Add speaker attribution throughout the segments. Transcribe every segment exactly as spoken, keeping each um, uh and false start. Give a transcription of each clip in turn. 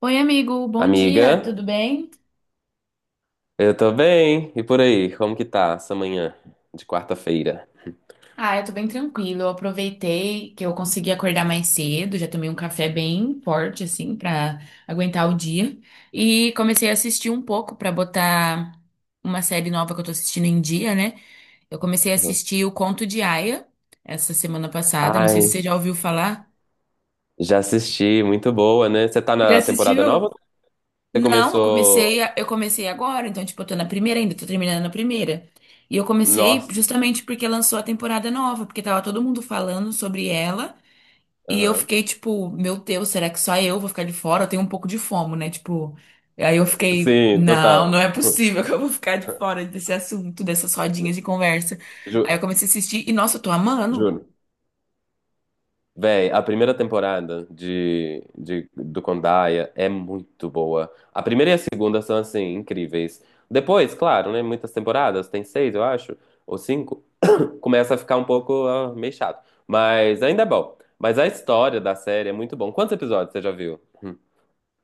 Speaker 1: Oi, amigo, bom
Speaker 2: Amiga,
Speaker 1: dia, tudo bem?
Speaker 2: eu tô bem. E por aí, como que tá essa manhã de quarta-feira?
Speaker 1: Ah, eu tô bem tranquilo. Eu aproveitei que eu consegui acordar mais cedo, já tomei um café bem forte, assim, pra aguentar o dia. E comecei a assistir um pouco pra botar uma série nova que eu tô assistindo em dia, né? Eu comecei a
Speaker 2: Uhum.
Speaker 1: assistir O Conto de Aia essa semana passada, não sei se
Speaker 2: Ai,
Speaker 1: você já ouviu falar.
Speaker 2: já assisti, muito boa, né? Você tá
Speaker 1: Já
Speaker 2: na temporada nova?
Speaker 1: assistiu?
Speaker 2: Ou Você
Speaker 1: Não, eu
Speaker 2: começou.
Speaker 1: comecei, a- eu comecei agora, então, tipo, eu tô na primeira ainda, tô terminando a primeira. E eu comecei
Speaker 2: Nossa.
Speaker 1: justamente porque lançou a temporada nova, porque tava todo mundo falando sobre ela. E eu
Speaker 2: Aham.
Speaker 1: fiquei, tipo, meu Deus, será que só eu vou ficar de fora? Eu tenho um pouco de fomo, né? Tipo, aí eu fiquei,
Speaker 2: Sim,
Speaker 1: não,
Speaker 2: total.
Speaker 1: não é possível que eu vou ficar de fora desse assunto, dessas rodinhas de conversa. Aí eu
Speaker 2: Ju-
Speaker 1: comecei a assistir e, nossa, eu tô amando.
Speaker 2: Juro. Véi, a primeira temporada de, de, do Condaia é muito boa. A primeira e a segunda são, assim, incríveis. Depois, claro, né? Muitas temporadas, tem seis, eu acho, ou cinco. Começa a ficar um pouco ah, meio chato. Mas ainda é bom. Mas a história da série é muito bom. Quantos episódios você já viu? Hum.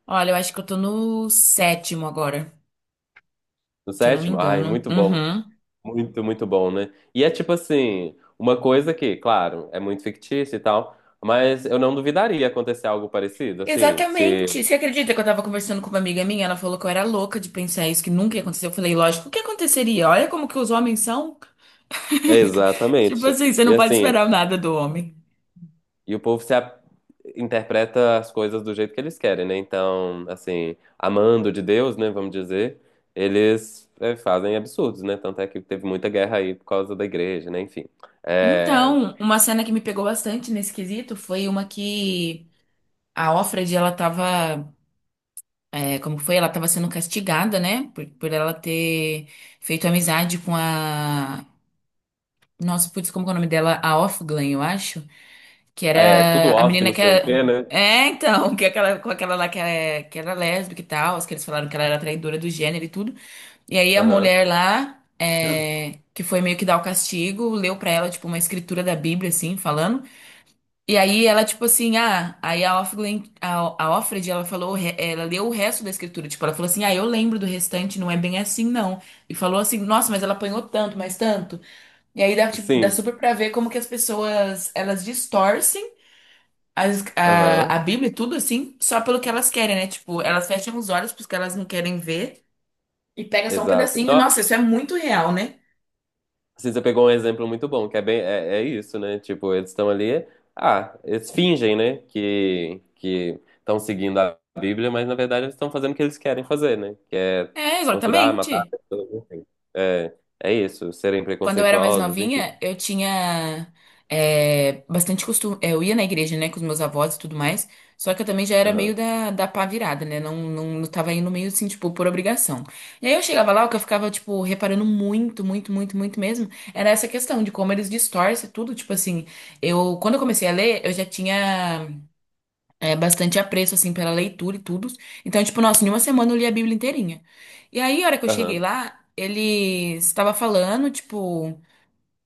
Speaker 1: Olha, eu acho que eu tô no sétimo agora,
Speaker 2: No
Speaker 1: se eu não me
Speaker 2: sétimo? Ai,
Speaker 1: engano.
Speaker 2: muito bom.
Speaker 1: Uhum.
Speaker 2: Muito, muito bom, né? E é tipo assim, uma coisa que, claro, é muito fictícia e tal. Mas eu não duvidaria acontecer algo parecido, assim, se
Speaker 1: Exatamente. Você acredita que eu tava conversando com uma amiga minha? Ela falou que eu era louca de pensar isso, que nunca ia acontecer. Eu falei, lógico, o que aconteceria? Olha como que os homens são. Tipo
Speaker 2: Exatamente.
Speaker 1: assim, você
Speaker 2: E
Speaker 1: não pode
Speaker 2: assim,
Speaker 1: esperar nada do homem.
Speaker 2: e o povo se a- interpreta as coisas do jeito que eles querem, né? Então, assim, amando de Deus, né, vamos dizer, eles é, fazem absurdos, né? Tanto é que teve muita guerra aí por causa da igreja, né? Enfim. É,
Speaker 1: Então, uma cena que me pegou bastante nesse quesito foi uma que a Offred, ela tava, é, como foi? Ela tava sendo castigada, né? Por, por ela ter feito amizade com a... Nossa, putz, como que é o nome dela? A Offglen, eu acho. Que
Speaker 2: é tudo
Speaker 1: era a
Speaker 2: off,
Speaker 1: menina
Speaker 2: não
Speaker 1: que
Speaker 2: sei o
Speaker 1: é.
Speaker 2: quê, né?
Speaker 1: É, então, que é aquela, com aquela lá que, é, que era lésbica e tal, as que eles falaram que ela era traidora do gênero e tudo. E aí a
Speaker 2: Aham.
Speaker 1: mulher lá, é, que foi meio que dar o castigo, leu pra ela, tipo, uma escritura da Bíblia, assim, falando. E aí ela, tipo assim, ah, aí a Offred, a, a Offred, ela falou, o re- ela leu o resto da escritura, tipo, ela falou assim, ah, eu lembro do restante, não é bem assim, não. E falou assim, nossa, mas ela apanhou tanto, mas tanto. E aí dá, tipo, dá
Speaker 2: Sim.
Speaker 1: super pra ver como que as pessoas, elas distorcem as-
Speaker 2: Aham.
Speaker 1: a, a Bíblia e tudo assim, só pelo que elas querem, né? Tipo, elas fecham os olhos porque elas não querem ver e pega só um
Speaker 2: Exato.
Speaker 1: pedacinho. E, nossa, isso é muito real, né?
Speaker 2: Assim, você pegou um exemplo muito bom, que é bem, é, é isso, né? Tipo, eles estão ali, ah, eles fingem, né, que que estão seguindo a Bíblia, mas na verdade eles estão fazendo o que eles querem fazer, né? Que é
Speaker 1: É,
Speaker 2: torturar, matar,
Speaker 1: exatamente.
Speaker 2: pessoas, enfim. É, é isso, serem
Speaker 1: Quando eu era mais
Speaker 2: preconceituosos, enfim.
Speaker 1: novinha, eu tinha é, bastante costume. Eu ia na igreja, né, com os meus avós e tudo mais. Só que eu também já era meio
Speaker 2: Aham,
Speaker 1: da, da pá virada, né? Não, não, não tava indo meio assim, tipo, por obrigação. E aí eu chegava lá, o que eu ficava, tipo, reparando muito, muito, muito, muito mesmo, era essa questão de como eles distorcem tudo. Tipo assim, eu, quando eu comecei a ler, eu já tinha é, bastante apreço, assim, pela leitura e tudo. Então, tipo, nossa, em uma semana eu li a Bíblia inteirinha. E aí, a hora que eu cheguei
Speaker 2: aham,
Speaker 1: lá, ele estava falando, tipo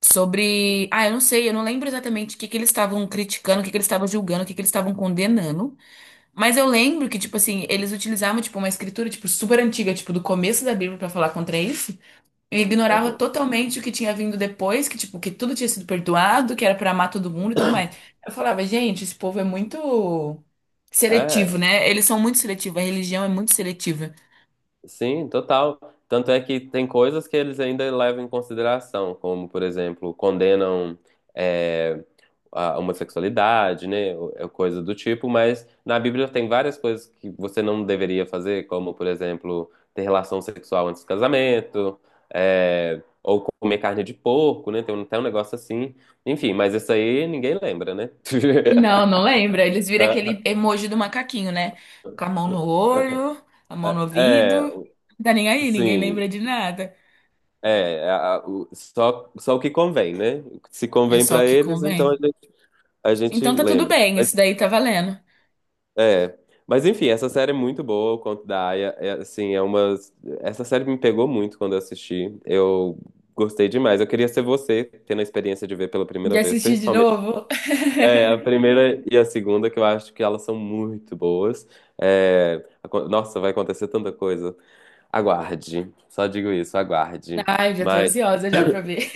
Speaker 1: sobre. Ah, eu não sei, eu não lembro exatamente o que que eles estavam criticando, o que que eles estavam julgando, o que que eles estavam condenando. Mas eu lembro que, tipo assim, eles utilizavam, tipo, uma escritura, tipo, super antiga, tipo, do começo da Bíblia pra falar contra isso. E ignorava
Speaker 2: aham.
Speaker 1: totalmente o que tinha vindo depois, que, tipo, que tudo tinha sido perdoado, que era pra amar todo mundo e tudo mais. Eu falava, gente, esse povo é muito seletivo,
Speaker 2: É.
Speaker 1: né? Eles são muito seletivos, a religião é muito seletiva.
Speaker 2: Sim, total. Tanto é que tem coisas que eles ainda levam em consideração, como, por exemplo, condenam é, a homossexualidade, né? ou- é Coisa do tipo, mas na Bíblia tem várias coisas que você não deveria fazer, como, por exemplo, ter relação sexual antes do casamento, é, ou comer carne de porco, né? Tem um- até um negócio assim. Enfim, mas isso aí ninguém lembra, né?
Speaker 1: Não, não lembra. Eles viram aquele emoji do macaquinho, né? Com a mão no olho, a mão no ouvido.
Speaker 2: É,
Speaker 1: Não, tá nem aí, ninguém
Speaker 2: sim.
Speaker 1: lembra de nada.
Speaker 2: É, a- a- o- só, só o que convém, né? O que se
Speaker 1: É
Speaker 2: convém
Speaker 1: só o
Speaker 2: pra
Speaker 1: que
Speaker 2: eles, então
Speaker 1: convém.
Speaker 2: a gente, a gente
Speaker 1: Então tá tudo
Speaker 2: lembra.
Speaker 1: bem, isso daí tá valendo.
Speaker 2: É, mas enfim, essa série é muito boa, o Conto da Aia. É, assim, é uma. Essa série me pegou muito quando eu assisti. Eu gostei demais. Eu queria ser você, tendo a experiência de ver pela
Speaker 1: De
Speaker 2: primeira vez,
Speaker 1: assistir de
Speaker 2: principalmente.
Speaker 1: novo?
Speaker 2: É, a primeira e a segunda, que eu acho que elas são muito boas. É, acon- nossa, vai acontecer tanta coisa. Aguarde. Só digo isso, aguarde.
Speaker 1: Ai, já tô
Speaker 2: Mas
Speaker 1: ansiosa já pra ver.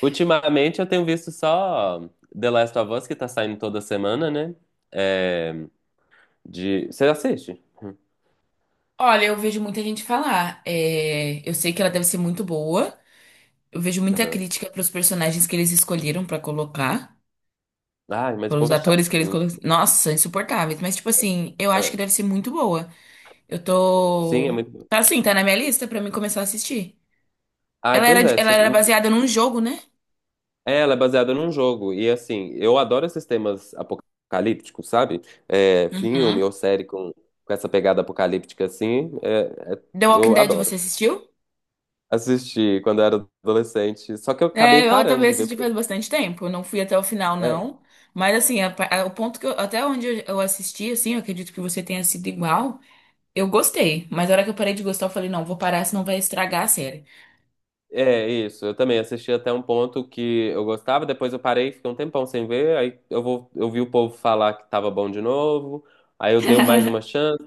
Speaker 2: ultimamente eu tenho visto só The Last of Us, que tá saindo toda semana, né? É, de... Você assiste?
Speaker 1: Olha, eu vejo muita gente falar. é, Eu sei que ela deve ser muito boa. Eu vejo muita
Speaker 2: Aham.
Speaker 1: crítica pros personagens que eles escolheram pra colocar.
Speaker 2: Ai, mas o
Speaker 1: Pelos
Speaker 2: povo é
Speaker 1: atores
Speaker 2: chato.
Speaker 1: que eles
Speaker 2: Uh,
Speaker 1: colocaram. Nossa, insuportáveis. Mas, tipo assim, eu acho que deve
Speaker 2: ah,
Speaker 1: ser muito boa. Eu
Speaker 2: Sim, é
Speaker 1: tô.
Speaker 2: muito bom.
Speaker 1: Tá assim, tá na minha lista pra mim começar a assistir.
Speaker 2: Ai,
Speaker 1: Ela era,
Speaker 2: pois é.
Speaker 1: ela
Speaker 2: so-
Speaker 1: era baseada num jogo, né?
Speaker 2: é, Ela é baseada num jogo. E assim, eu adoro esses temas apocalípticos, sabe? É, filme
Speaker 1: Uhum.
Speaker 2: ou série com, com essa pegada apocalíptica assim. É- é-
Speaker 1: The Walking
Speaker 2: eu
Speaker 1: Dead você
Speaker 2: adoro.
Speaker 1: assistiu?
Speaker 2: Assisti quando eu era adolescente. Só que eu acabei
Speaker 1: É, eu
Speaker 2: parando
Speaker 1: também
Speaker 2: de ver.
Speaker 1: assisti faz bastante tempo. Eu não fui até o final, não. Mas assim, a pa- a- o ponto que eu, até onde eu, eu assisti, assim, eu acredito que você tenha sido igual. Eu gostei. Mas na hora que eu parei de gostar, eu falei, não, vou parar, senão vai estragar a série.
Speaker 2: É, isso. Eu também assisti até um ponto que eu gostava, depois eu parei, fiquei um tempão sem ver, aí eu vou, eu vi o povo falar que tava bom de novo, aí eu dei mais uma chance,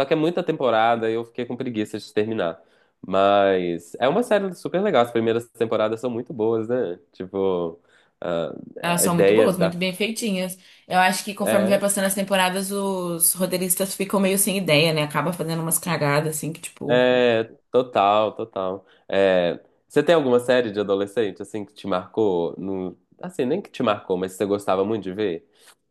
Speaker 2: só que é muita temporada e eu fiquei com preguiça de terminar. Mas é uma série super legal, as primeiras temporadas são muito boas, né? Tipo, ah,
Speaker 1: Elas
Speaker 2: a
Speaker 1: são muito
Speaker 2: ideia
Speaker 1: boas,
Speaker 2: da...
Speaker 1: muito bem feitinhas. Eu acho que conforme vai
Speaker 2: É,
Speaker 1: passando as temporadas, os roteiristas ficam meio sem ideia, né? Acaba fazendo umas cagadas, assim, que, tipo.
Speaker 2: é, total, total. É, você tem alguma série de adolescente, assim, que te marcou? No... Assim, nem que te marcou, mas você gostava muito de ver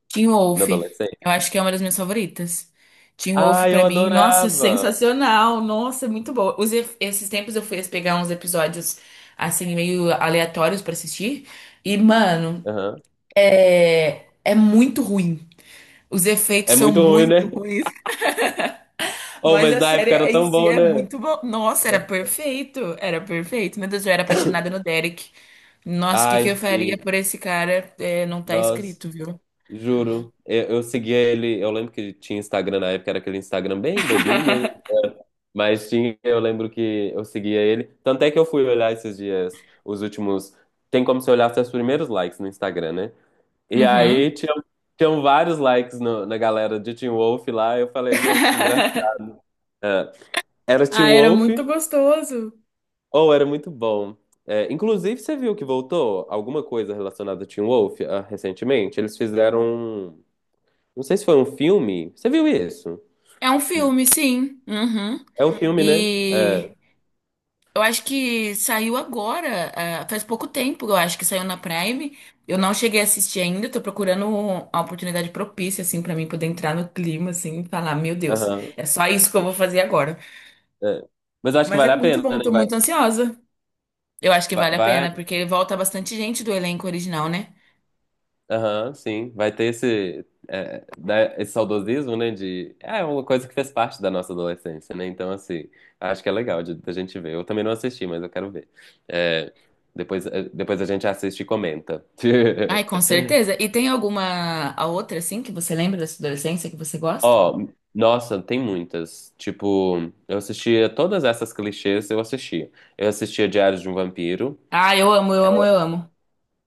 Speaker 1: Teen
Speaker 2: na
Speaker 1: Wolf. Eu
Speaker 2: adolescência?
Speaker 1: acho que é uma das minhas favoritas. Teen Wolf
Speaker 2: Ah,
Speaker 1: pra
Speaker 2: eu
Speaker 1: mim, nossa,
Speaker 2: adorava.
Speaker 1: sensacional. Nossa, muito boa. Os ef- esses tempos eu fui pegar uns episódios assim meio aleatórios pra assistir e, mano,
Speaker 2: Aham.
Speaker 1: é é muito ruim. Os efeitos
Speaker 2: É
Speaker 1: são
Speaker 2: muito ruim,
Speaker 1: muito
Speaker 2: né?
Speaker 1: ruins,
Speaker 2: Oh,
Speaker 1: mas
Speaker 2: mas
Speaker 1: a
Speaker 2: na
Speaker 1: série
Speaker 2: época era
Speaker 1: em
Speaker 2: tão
Speaker 1: si
Speaker 2: bom,
Speaker 1: é
Speaker 2: né?
Speaker 1: muito boa. Nossa, era perfeito, era perfeito. Meu Deus, eu era apaixonada no Derek. Nossa, o que que
Speaker 2: Ai,
Speaker 1: eu faria
Speaker 2: sim.
Speaker 1: por esse cara? É, não tá
Speaker 2: Nossa,
Speaker 1: escrito, viu?
Speaker 2: juro. Eu, eu seguia ele. Eu lembro que tinha Instagram na época, era aquele Instagram bem bobinho, né? Mas tinha, eu lembro que eu seguia ele. Tanto é que eu fui olhar esses dias, os últimos. Tem como se olhasse os primeiros likes no Instagram, né? E aí
Speaker 1: Uhum.
Speaker 2: tinha, tinham vários likes no- na galera de Teen Wolf lá. Eu falei, gente, engraçado. Era Teen
Speaker 1: Ah, era
Speaker 2: Wolf.
Speaker 1: muito gostoso.
Speaker 2: Oh, era muito bom. É, inclusive, você viu que voltou alguma coisa relacionada a Teen Wolf, ah, recentemente? Eles fizeram um- não sei se foi um filme. Você viu isso?
Speaker 1: É um
Speaker 2: Hum.
Speaker 1: filme, sim. Uhum.
Speaker 2: É um filme, né?
Speaker 1: E
Speaker 2: É.
Speaker 1: eu acho que saiu agora, ah, faz pouco tempo, eu acho que saiu na Prime. Eu não cheguei a assistir ainda, tô procurando a oportunidade propícia, assim, pra mim poder entrar no clima, assim, e falar, meu Deus,
Speaker 2: Aham.
Speaker 1: é só isso que eu vou fazer agora.
Speaker 2: É. Mas eu acho que
Speaker 1: Mas é
Speaker 2: vale a
Speaker 1: muito
Speaker 2: pena,
Speaker 1: bom,
Speaker 2: né?
Speaker 1: tô
Speaker 2: Vai.
Speaker 1: muito ansiosa. Eu acho que
Speaker 2: Vai.
Speaker 1: vale a
Speaker 2: vai-
Speaker 1: pena, porque volta bastante gente do elenco original, né?
Speaker 2: Aham, sim. Vai ter esse. é, né, esse saudosismo, né? De... É uma coisa que fez parte da nossa adolescência, né? Então, assim. Acho que é legal de, da gente ver. Eu também não assisti, mas eu quero ver. É, depois, é, depois a gente assiste e comenta.
Speaker 1: Ai, com certeza. E tem alguma a outra, assim, que você lembra da sua adolescência que você gosta?
Speaker 2: Ó, nossa, tem muitas. Tipo, eu assistia todas essas clichês, eu assistia. Eu assistia Diário de um Vampiro.
Speaker 1: Ah, eu amo, eu amo, eu amo.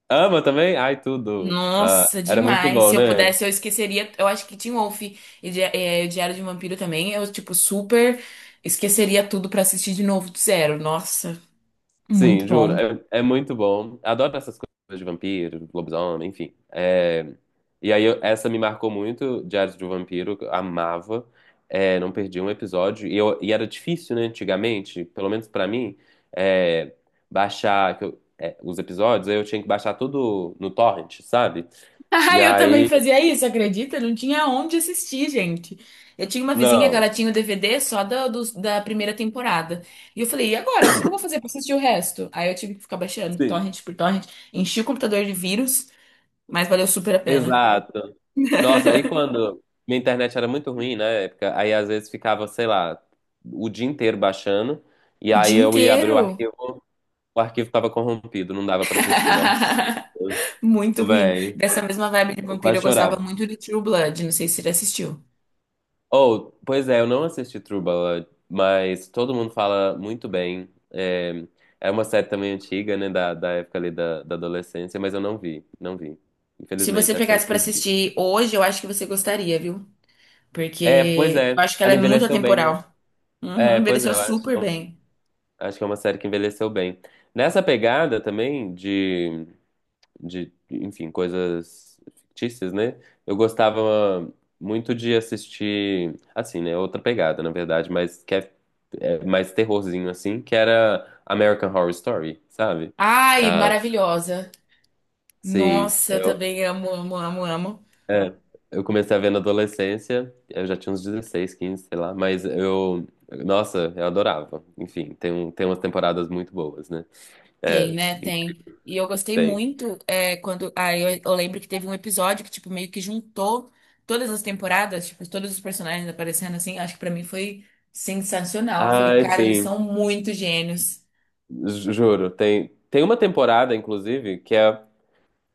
Speaker 2: Ama também? Ai, tudo. Ah,
Speaker 1: Nossa,
Speaker 2: era muito
Speaker 1: demais. Se
Speaker 2: bom,
Speaker 1: eu
Speaker 2: né?
Speaker 1: pudesse, eu esqueceria. Eu acho que Teen Wolf e Di- eh, Diário de um Vampiro também. Eu, tipo, super esqueceria tudo pra assistir de novo do zero. Nossa, muito
Speaker 2: Sim, juro.
Speaker 1: bom.
Speaker 2: É, é muito bom. Adoro essas coisas de vampiro, lobisomem, enfim. É, e aí, eu- essa me marcou muito, Diários de um Vampiro, que eu amava. É, não perdi um episódio. E, eu- e era difícil, né, antigamente, pelo menos pra mim, é, baixar que eu- é, os episódios. Aí eu tinha que baixar tudo no torrent, sabe?
Speaker 1: Ah,
Speaker 2: E
Speaker 1: eu também
Speaker 2: aí,
Speaker 1: fazia isso, acredita? Não tinha onde assistir, gente. Eu tinha uma vizinha que ela
Speaker 2: não.
Speaker 1: tinha o D V D só da, dos- da primeira temporada. E eu falei, e agora? O que que eu vou fazer pra assistir o resto? Aí eu tive que ficar baixando
Speaker 2: Sim,
Speaker 1: torrent por torrent. Enchi o computador de vírus, mas valeu super a pena.
Speaker 2: exato. Nossa, aí quando minha internet era muito ruim na época, aí às vezes ficava, sei lá, o dia inteiro baixando, e
Speaker 1: O
Speaker 2: aí
Speaker 1: dia
Speaker 2: eu ia abrir o
Speaker 1: inteiro.
Speaker 2: arquivo, o arquivo tava corrompido, não dava pra assistir. Nossa,
Speaker 1: Muito ruim.
Speaker 2: velho,
Speaker 1: Dessa mesma vibe de
Speaker 2: eu
Speaker 1: vampiro,
Speaker 2: quase
Speaker 1: eu gostava
Speaker 2: chorava.
Speaker 1: muito de True Blood. Não sei se você já assistiu.
Speaker 2: Oh, pois é, eu não assisti True Blood, mas todo mundo fala muito bem. É, é uma série também antiga, né, da, da época ali da, da adolescência, mas eu não vi, não vi.
Speaker 1: Se você
Speaker 2: Infelizmente, essa eu
Speaker 1: pegasse pra
Speaker 2: perdi.
Speaker 1: assistir hoje, eu acho que você gostaria, viu?
Speaker 2: É, pois
Speaker 1: Porque eu
Speaker 2: é,
Speaker 1: acho que ela
Speaker 2: ela
Speaker 1: é muito
Speaker 2: envelheceu bem, né?
Speaker 1: atemporal. Uhum,
Speaker 2: É, pois é,
Speaker 1: envelheceu
Speaker 2: eu acho.
Speaker 1: super bem.
Speaker 2: Acho que é uma série que envelheceu bem. Nessa pegada também de, de, enfim, coisas fictícias, né? Eu gostava muito de assistir, assim, né? Outra pegada, na verdade, mas que é, é mais terrorzinho, assim, que era American Horror Story, sabe?
Speaker 1: Ai,
Speaker 2: Ah,
Speaker 1: maravilhosa.
Speaker 2: sim,
Speaker 1: Nossa, eu
Speaker 2: eu,
Speaker 1: também amo, amo, amo, amo.
Speaker 2: é, eu comecei a ver na adolescência, eu já tinha uns dezesseis, quinze, sei lá, mas eu, nossa, eu adorava. Enfim, tem, um, tem umas temporadas muito boas, né?
Speaker 1: Tem,
Speaker 2: É,
Speaker 1: né? Tem. E eu gostei
Speaker 2: tem.
Speaker 1: muito é, quando. Aí eu, eu lembro que teve um episódio que, tipo, meio que juntou todas as temporadas, tipo, todos os personagens aparecendo assim. Acho que pra mim foi sensacional. Eu falei,
Speaker 2: Ai,
Speaker 1: cara, eles
Speaker 2: sim,
Speaker 1: são muito gênios.
Speaker 2: ju- juro. Tem, tem uma temporada, inclusive, que é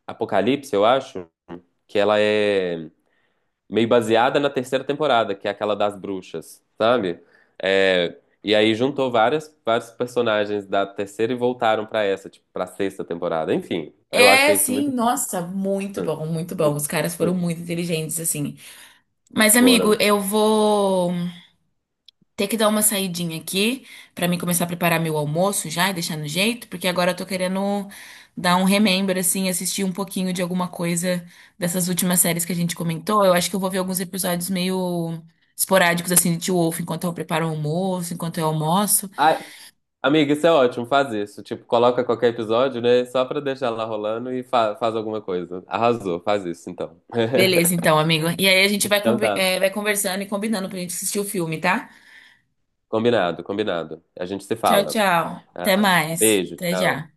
Speaker 2: Apocalipse, eu acho, que ela é meio baseada na terceira temporada, que é aquela das bruxas, sabe? É, e aí juntou várias, vários personagens da terceira e voltaram pra essa, tipo, pra sexta temporada. Enfim, eu
Speaker 1: É,
Speaker 2: achei isso
Speaker 1: sim,
Speaker 2: muito bom.
Speaker 1: nossa, muito
Speaker 2: Hum.
Speaker 1: bom, muito bom.
Speaker 2: Muito,
Speaker 1: Os caras foram
Speaker 2: muito
Speaker 1: muito inteligentes, assim. Mas, amigo,
Speaker 2: foram.
Speaker 1: eu vou. Ter que dar uma saidinha aqui pra mim começar a preparar meu almoço já e deixar no jeito, porque agora eu tô querendo dar um remember, assim, assistir um pouquinho de alguma coisa dessas últimas séries que a gente comentou. Eu acho que eu vou ver alguns episódios meio esporádicos, assim, de Teen Wolf, enquanto eu preparo o almoço, enquanto eu almoço.
Speaker 2: Ai, amiga, isso é ótimo, faz isso. Tipo, coloca qualquer episódio, né? Só pra deixar lá rolando e fa- faz alguma coisa. Arrasou, faz isso então.
Speaker 1: Beleza, então, amigo. E aí a gente vai,
Speaker 2: Então
Speaker 1: conver-
Speaker 2: tá.
Speaker 1: eh, vai conversando e combinando pra gente assistir o filme, tá?
Speaker 2: Combinado, combinado. A gente se
Speaker 1: Tchau,
Speaker 2: fala.
Speaker 1: tchau. Até
Speaker 2: Ah,
Speaker 1: mais.
Speaker 2: beijo,
Speaker 1: Até
Speaker 2: tchau.
Speaker 1: já.